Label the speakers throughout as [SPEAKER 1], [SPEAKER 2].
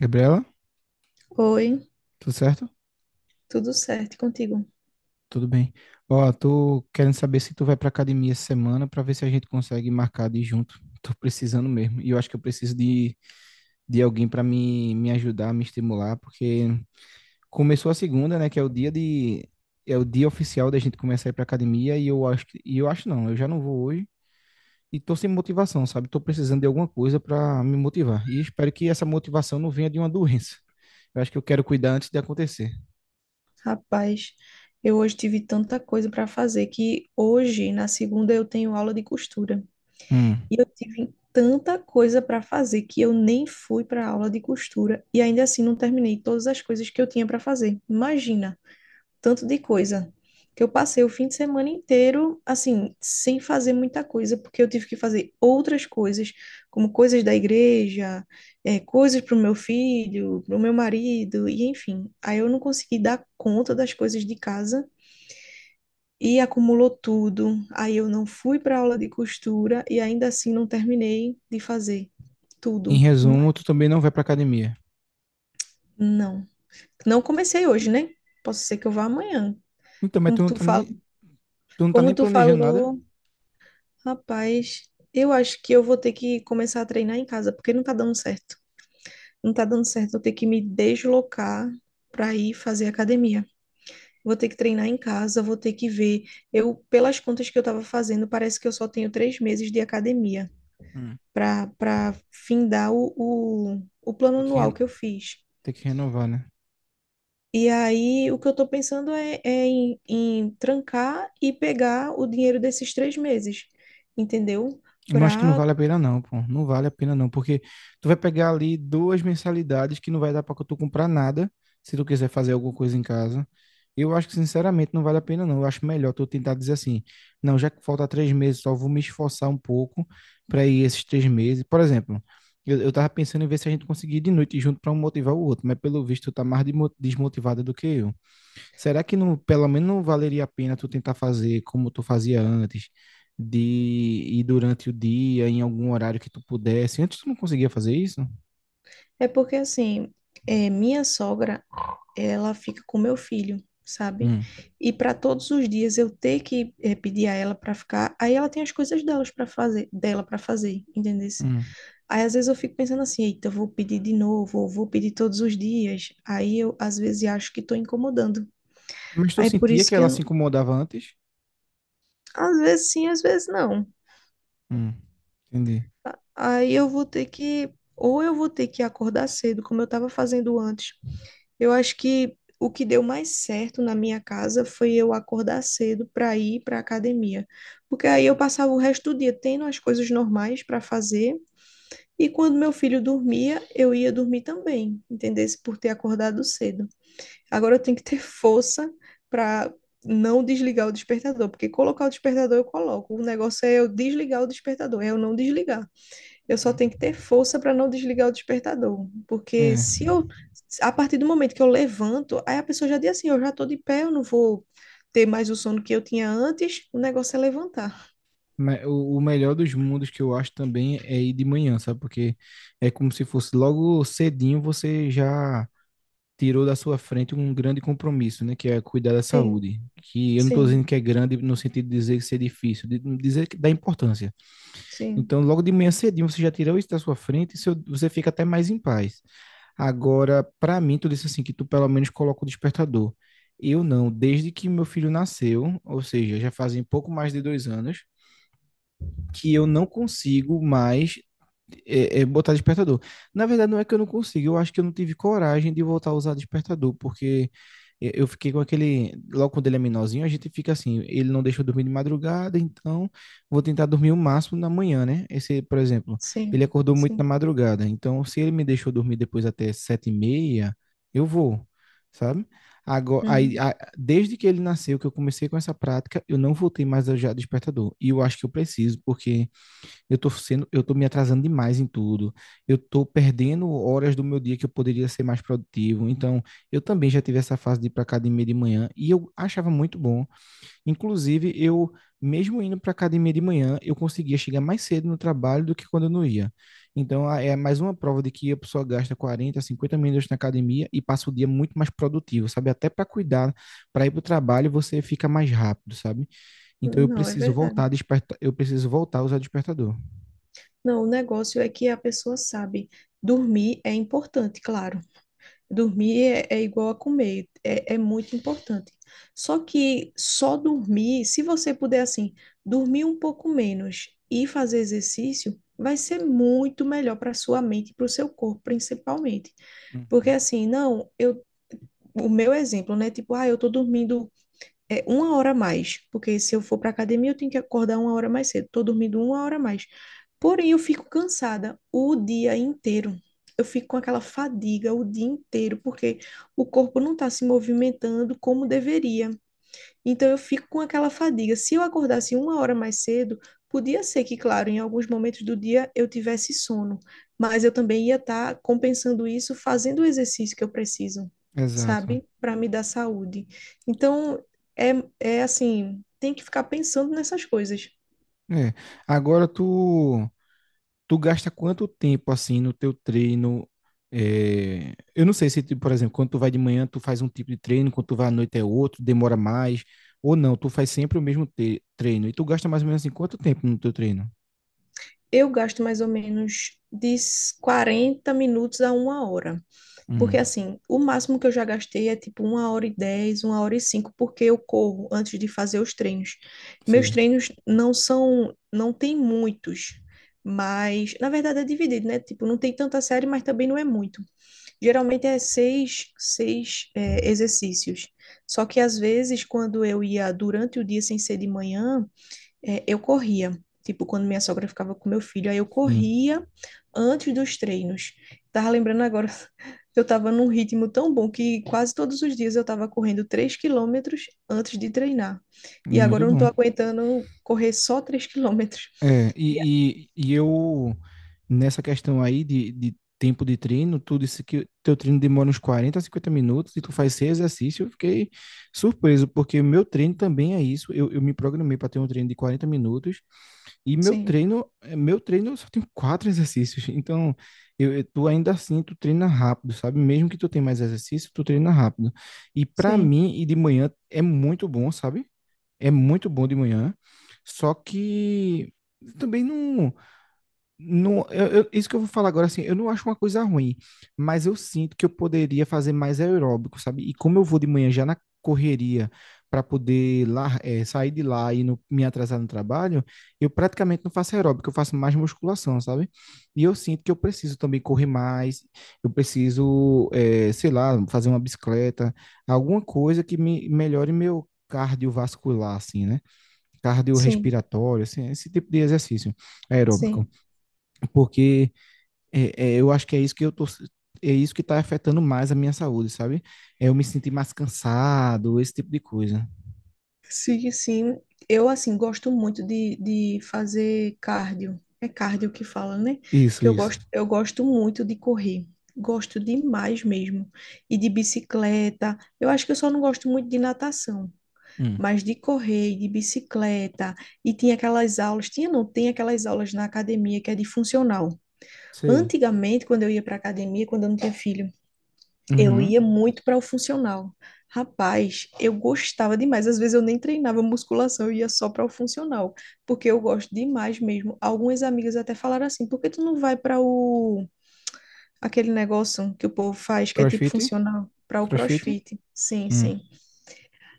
[SPEAKER 1] Gabriela,
[SPEAKER 2] Oi,
[SPEAKER 1] tudo certo?
[SPEAKER 2] tudo certo e contigo?
[SPEAKER 1] Tudo bem. Ó, tô querendo saber se tu vai pra academia essa semana pra ver se a gente consegue marcar de ir junto. Tô precisando mesmo. E eu acho que eu preciso de alguém pra me ajudar, me estimular, porque começou a segunda, né, que é o dia de é o dia oficial da gente começar a ir pra academia e eu acho não, eu já não vou hoje e tô sem motivação, sabe? Tô precisando de alguma coisa pra me motivar. E espero que essa motivação não venha de uma doença. Eu acho que eu quero cuidar antes de acontecer.
[SPEAKER 2] Rapaz, eu hoje tive tanta coisa para fazer que hoje, na segunda, eu tenho aula de costura.
[SPEAKER 1] Hum.
[SPEAKER 2] E eu tive tanta coisa para fazer que eu nem fui para a aula de costura e ainda assim não terminei todas as coisas que eu tinha para fazer. Imagina! Tanto de coisa, que eu passei o fim de semana inteiro, assim, sem fazer muita coisa, porque eu tive que fazer outras coisas, como coisas da igreja, coisas para o meu filho, para o meu marido, e enfim. Aí eu não consegui dar conta das coisas de casa. E acumulou tudo. Aí eu não fui para aula de costura e ainda assim não terminei de fazer
[SPEAKER 1] Em
[SPEAKER 2] tudo. Hum.
[SPEAKER 1] resumo, tu também não vai pra academia.
[SPEAKER 2] Não. Não comecei hoje, né? Posso ser que eu vá amanhã.
[SPEAKER 1] Então,
[SPEAKER 2] Como tu fala,
[SPEAKER 1] tu não tá
[SPEAKER 2] como
[SPEAKER 1] nem
[SPEAKER 2] tu
[SPEAKER 1] planejando nada?
[SPEAKER 2] falou, Rapaz, eu acho que eu vou ter que começar a treinar em casa, porque não tá dando certo. Não tá dando certo eu ter que me deslocar para ir fazer academia. Vou ter que treinar em casa, vou ter que ver. Eu, pelas contas que eu tava fazendo, parece que eu só tenho 3 meses de academia
[SPEAKER 1] Hum.
[SPEAKER 2] para findar o plano
[SPEAKER 1] Tem que,
[SPEAKER 2] anual
[SPEAKER 1] re-
[SPEAKER 2] que eu fiz.
[SPEAKER 1] Tem que renovar, né?
[SPEAKER 2] E aí, o que eu tô pensando é, em trancar e pegar o dinheiro desses 3 meses, entendeu?
[SPEAKER 1] Eu acho que não
[SPEAKER 2] Para
[SPEAKER 1] vale a pena não, pô. Não vale a pena não, porque tu vai pegar ali duas mensalidades que não vai dar pra tu comprar nada, se tu quiser fazer alguma coisa em casa. Eu acho que, sinceramente, não vale a pena não. Eu acho melhor tu tentar dizer assim, não, já que falta três meses, só vou me esforçar um pouco pra ir esses três meses. Por exemplo, eu tava pensando em ver se a gente conseguir ir de noite junto pra um motivar o outro, mas pelo visto tu tá mais desmotivada do que eu. Será que não, pelo menos não valeria a pena tu tentar fazer como tu fazia antes, de ir durante o dia, em algum horário que tu pudesse? Antes tu não conseguia fazer isso?
[SPEAKER 2] É porque assim, minha sogra, ela fica com meu filho, sabe?
[SPEAKER 1] Hum,
[SPEAKER 2] E para todos os dias eu ter que pedir a ela para ficar, aí ela tem as coisas delas para fazer, dela para fazer, entendeu?
[SPEAKER 1] hum.
[SPEAKER 2] Aí às vezes eu fico pensando assim, eita, eu vou pedir de novo, ou vou pedir todos os dias. Aí eu às vezes acho que estou incomodando.
[SPEAKER 1] Mas tu
[SPEAKER 2] Aí por
[SPEAKER 1] sentia
[SPEAKER 2] isso
[SPEAKER 1] que
[SPEAKER 2] que eu
[SPEAKER 1] ela se
[SPEAKER 2] não-
[SPEAKER 1] incomodava antes?
[SPEAKER 2] às vezes sim, às vezes não.
[SPEAKER 1] Hum, entendi.
[SPEAKER 2] Aí eu vou ter que, ou eu vou ter que acordar cedo, como eu estava fazendo antes. Eu acho que o que deu mais certo na minha casa foi eu acordar cedo para ir para a academia, porque aí eu passava o resto do dia tendo as coisas normais para fazer e quando meu filho dormia, eu ia dormir também, entendesse? Por ter acordado cedo. Agora eu tenho que ter força para não desligar o despertador, porque colocar o despertador eu coloco, o negócio é eu desligar o despertador, é eu não desligar. Eu só
[SPEAKER 1] Hum.
[SPEAKER 2] tenho que ter força para não desligar o despertador, porque
[SPEAKER 1] É.
[SPEAKER 2] se eu, a partir do momento que eu levanto, aí a pessoa já diz assim, eu já estou de pé, eu não vou ter mais o sono que eu tinha antes, o negócio é levantar.
[SPEAKER 1] Mas o melhor dos mundos que eu acho também é ir de manhã, sabe? Porque é como se fosse logo cedinho você já tirou da sua frente um grande compromisso, né, que é cuidar da
[SPEAKER 2] Sim,
[SPEAKER 1] saúde. Que eu não estou dizendo
[SPEAKER 2] sim,
[SPEAKER 1] que é grande no sentido de dizer que ser é difícil, de dizer que dá importância.
[SPEAKER 2] sim,
[SPEAKER 1] Então, logo de manhã cedinho você já tirou isso da sua frente e você fica até mais em paz. Agora, para mim, tu disse assim que tu pelo menos coloca o despertador. Eu não, desde que meu filho nasceu, ou seja, já fazem pouco mais de dois anos, que eu não consigo mais botar despertador. Na verdade, não é que eu não consigo, eu acho que eu não tive coragem de voltar a usar despertador, porque eu fiquei com aquele. Logo quando ele é menorzinho, a gente fica assim, ele não deixa eu dormir de madrugada, então vou tentar dormir o máximo na manhã, né? Esse, por exemplo, ele
[SPEAKER 2] sim,
[SPEAKER 1] acordou muito na
[SPEAKER 2] sim.
[SPEAKER 1] madrugada, então se ele me deixou dormir depois até sete e meia, eu vou, sabe? Agora, aí,
[SPEAKER 2] Uhum.
[SPEAKER 1] a- Desde que ele nasceu, que eu comecei com essa prática, eu não voltei mais a usar despertador. E eu acho que eu preciso, porque eu tô me atrasando demais em tudo. Eu tô perdendo horas do meu dia que eu poderia ser mais produtivo. Então, eu também já tive essa fase de ir para academia de manhã e eu achava muito bom. Inclusive, eu, mesmo indo para a academia de manhã, eu conseguia chegar mais cedo no trabalho do que quando eu não ia. Então, é mais uma prova de que a pessoa gasta 40 50 minutos na academia e passa o dia muito mais produtivo, sabe? Até para cuidar, para ir para o trabalho, você fica mais rápido, sabe? Então, eu
[SPEAKER 2] Não, é
[SPEAKER 1] preciso
[SPEAKER 2] verdade.
[SPEAKER 1] eu preciso voltar a usar despertador.
[SPEAKER 2] Não, o negócio é que a pessoa sabe, dormir é importante, claro. Dormir é igual a comer, é muito importante. Só que só dormir, se você puder assim, dormir um pouco menos e fazer exercício, vai ser muito melhor para sua mente e para o seu corpo, principalmente. Porque
[SPEAKER 1] Uhum.
[SPEAKER 2] assim, não, o meu exemplo, né? Tipo, ah, eu tô dormindo é uma hora a mais, porque se eu for para academia eu tenho que acordar uma hora mais cedo. Tô dormindo uma hora a mais. Porém, eu fico cansada o dia inteiro. Eu fico com aquela fadiga o dia inteiro, porque o corpo não está se movimentando como deveria. Então eu fico com aquela fadiga. Se eu acordasse uma hora mais cedo, podia ser que, claro, em alguns momentos do dia eu tivesse sono, mas eu também ia estar compensando isso fazendo o exercício que eu preciso,
[SPEAKER 1] Exato.
[SPEAKER 2] sabe? Para me dar saúde. Então é, é assim, tem que ficar pensando nessas coisas.
[SPEAKER 1] É. Agora tu gasta quanto tempo assim no teu treino? É, eu não sei se, tu, por exemplo, quando tu vai de manhã, tu faz um tipo de treino, quando tu vai à noite é outro, demora mais, ou não, tu faz sempre o mesmo treino. E tu gasta mais ou menos assim, quanto tempo no teu treino?
[SPEAKER 2] Eu gasto mais ou menos de 40 minutos a uma hora. Porque
[SPEAKER 1] Hum,
[SPEAKER 2] assim, o máximo que eu já gastei é tipo uma hora e dez, uma hora e cinco, porque eu corro antes de fazer os treinos. Meus
[SPEAKER 1] sei.
[SPEAKER 2] treinos não são, não tem muitos, mas na verdade é dividido, né? Tipo, não tem tanta série, mas também não é muito. Geralmente é seis exercícios. Só que às vezes, quando eu ia durante o dia sem ser de manhã, eu corria. Tipo, quando minha sogra ficava com meu filho, aí eu
[SPEAKER 1] Sim.
[SPEAKER 2] corria antes dos treinos. Tava lembrando agora que eu tava num ritmo tão bom que quase todos os dias eu tava correndo 3 quilômetros antes de treinar.
[SPEAKER 1] E
[SPEAKER 2] E agora
[SPEAKER 1] muito
[SPEAKER 2] eu não tô
[SPEAKER 1] bom.
[SPEAKER 2] aguentando correr só 3 quilômetros.
[SPEAKER 1] É,
[SPEAKER 2] E-
[SPEAKER 1] e, e, e eu, Nessa questão aí de tempo de treino, tu disse que teu treino demora uns 40 a 50 minutos e tu faz seis exercícios, eu fiquei surpreso, porque meu treino também é isso, eu me programei para ter um treino de 40 minutos e meu
[SPEAKER 2] Sim,
[SPEAKER 1] treino, meu treino eu só tenho quatro exercícios, então tu ainda assim, tu treina rápido, sabe? Mesmo que tu tenha mais exercício, tu treina rápido. E para
[SPEAKER 2] sim,
[SPEAKER 1] mim, e de manhã é muito bom, sabe? É muito bom de manhã, só que também não, isso que eu vou falar agora assim, eu não acho uma coisa ruim, mas eu sinto que eu poderia fazer mais aeróbico, sabe? E como eu vou de manhã já na correria para poder lá, sair de lá e não me atrasar no trabalho, eu praticamente não faço aeróbico, eu faço mais musculação, sabe? E eu sinto que eu preciso também correr mais, eu preciso, sei lá, fazer uma bicicleta, alguma coisa que me melhore meu cardiovascular, assim, né?
[SPEAKER 2] sim,
[SPEAKER 1] Cardiorrespiratório, assim, esse tipo de exercício aeróbico,
[SPEAKER 2] sim.
[SPEAKER 1] porque eu acho que é isso que eu tô é isso que está afetando mais a minha saúde, sabe? É eu me sentir mais cansado, esse tipo de coisa.
[SPEAKER 2] Sim, sim. Eu, assim, gosto muito de fazer cardio. É cardio que fala, né?
[SPEAKER 1] Isso,
[SPEAKER 2] Que
[SPEAKER 1] isso.
[SPEAKER 2] eu gosto muito de correr. Gosto demais mesmo. E de bicicleta. Eu acho que eu só não gosto muito de natação.
[SPEAKER 1] Hum,
[SPEAKER 2] Mas de correr, e de bicicleta. E tinha aquelas aulas. Tinha, não, tem aquelas aulas na academia que é de funcional.
[SPEAKER 1] sei.
[SPEAKER 2] Antigamente, quando eu ia para academia, quando eu não tinha filho, eu
[SPEAKER 1] Uhum.
[SPEAKER 2] ia muito para o funcional. Rapaz, eu gostava demais. Às vezes eu nem treinava musculação, eu ia só para o funcional, porque eu gosto demais mesmo. Algumas amigas até falaram assim: "Por que tu não vai para o aquele negócio que o povo faz, que é tipo
[SPEAKER 1] CrossFit?
[SPEAKER 2] funcional, para o
[SPEAKER 1] CrossFit?
[SPEAKER 2] CrossFit?" Sim,
[SPEAKER 1] Hum.
[SPEAKER 2] sim.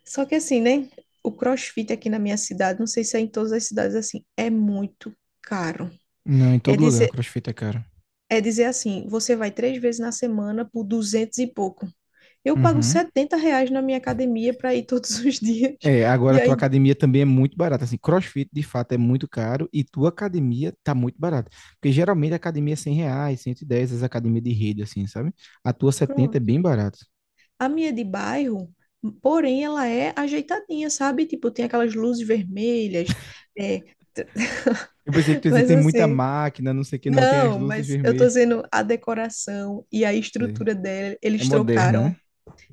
[SPEAKER 2] Só que assim, né? O CrossFit aqui na minha cidade, não sei se é em todas as cidades assim, é muito caro.
[SPEAKER 1] Não, em
[SPEAKER 2] É
[SPEAKER 1] todo lugar,
[SPEAKER 2] dizer,
[SPEAKER 1] crossfit é caro.
[SPEAKER 2] é dizer assim, você vai três vezes na semana por duzentos e pouco. Eu pago
[SPEAKER 1] Uhum.
[SPEAKER 2] R$ 70 na minha academia para ir todos os dias.
[SPEAKER 1] É, agora
[SPEAKER 2] E
[SPEAKER 1] a tua
[SPEAKER 2] aí,
[SPEAKER 1] academia também é muito barata. Assim, CrossFit de fato é muito caro e tua academia tá muito barata. Porque geralmente a academia é 100 reais, 110 as academias de rede, assim, sabe? A tua setenta é
[SPEAKER 2] pronto.
[SPEAKER 1] bem barata.
[SPEAKER 2] A minha é de bairro, porém, ela é ajeitadinha, sabe? Tipo, tem aquelas luzes vermelhas. É,
[SPEAKER 1] Eu pensei que tu ia dizer,
[SPEAKER 2] mas
[SPEAKER 1] tem muita
[SPEAKER 2] assim,
[SPEAKER 1] máquina, não sei o que, não, tem as
[SPEAKER 2] não,
[SPEAKER 1] luzes
[SPEAKER 2] mas eu tô
[SPEAKER 1] vermelhas.
[SPEAKER 2] dizendo a decoração e a
[SPEAKER 1] É
[SPEAKER 2] estrutura dela,
[SPEAKER 1] é
[SPEAKER 2] eles
[SPEAKER 1] moderna,
[SPEAKER 2] trocaram.
[SPEAKER 1] né?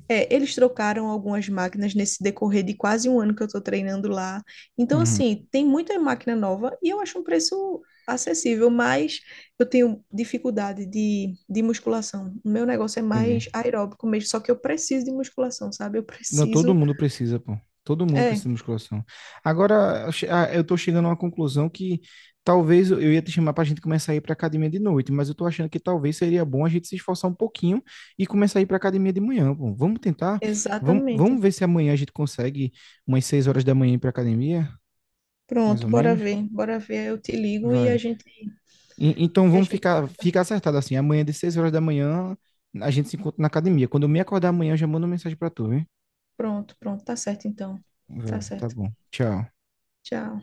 [SPEAKER 2] É, eles trocaram algumas máquinas nesse decorrer de quase um ano que eu estou treinando lá. Então,
[SPEAKER 1] Uhum,
[SPEAKER 2] assim, tem muita máquina nova e eu acho um preço acessível, mas eu tenho dificuldade de musculação. O meu negócio é
[SPEAKER 1] entendi.
[SPEAKER 2] mais aeróbico mesmo, só que eu preciso de musculação, sabe? Eu
[SPEAKER 1] Não, todo
[SPEAKER 2] preciso.
[SPEAKER 1] mundo precisa, pô. Todo mundo precisa
[SPEAKER 2] É,
[SPEAKER 1] de musculação. Agora, eu tô chegando a uma conclusão que talvez eu ia te chamar pra gente começar a ir pra academia de noite, mas eu tô achando que talvez seria bom a gente se esforçar um pouquinho e começar a ir pra academia de manhã, pô. Vamos tentar? Vamos,
[SPEAKER 2] exatamente.
[SPEAKER 1] vamos ver se amanhã a gente consegue umas 6 horas da manhã ir pra academia, mais
[SPEAKER 2] Pronto,
[SPEAKER 1] ou
[SPEAKER 2] bora
[SPEAKER 1] menos.
[SPEAKER 2] ver. Bora ver, eu te ligo
[SPEAKER 1] Vai. Então
[SPEAKER 2] e a
[SPEAKER 1] vamos
[SPEAKER 2] gente...
[SPEAKER 1] ficar acertado assim. Amanhã de 6 horas da manhã a gente se encontra na academia. Quando eu me acordar amanhã, eu já mando uma mensagem pra tu, hein?
[SPEAKER 2] Pronto, pronto, tá certo então. Tá
[SPEAKER 1] Vai, tá
[SPEAKER 2] certo.
[SPEAKER 1] bom. Tchau.
[SPEAKER 2] Tchau.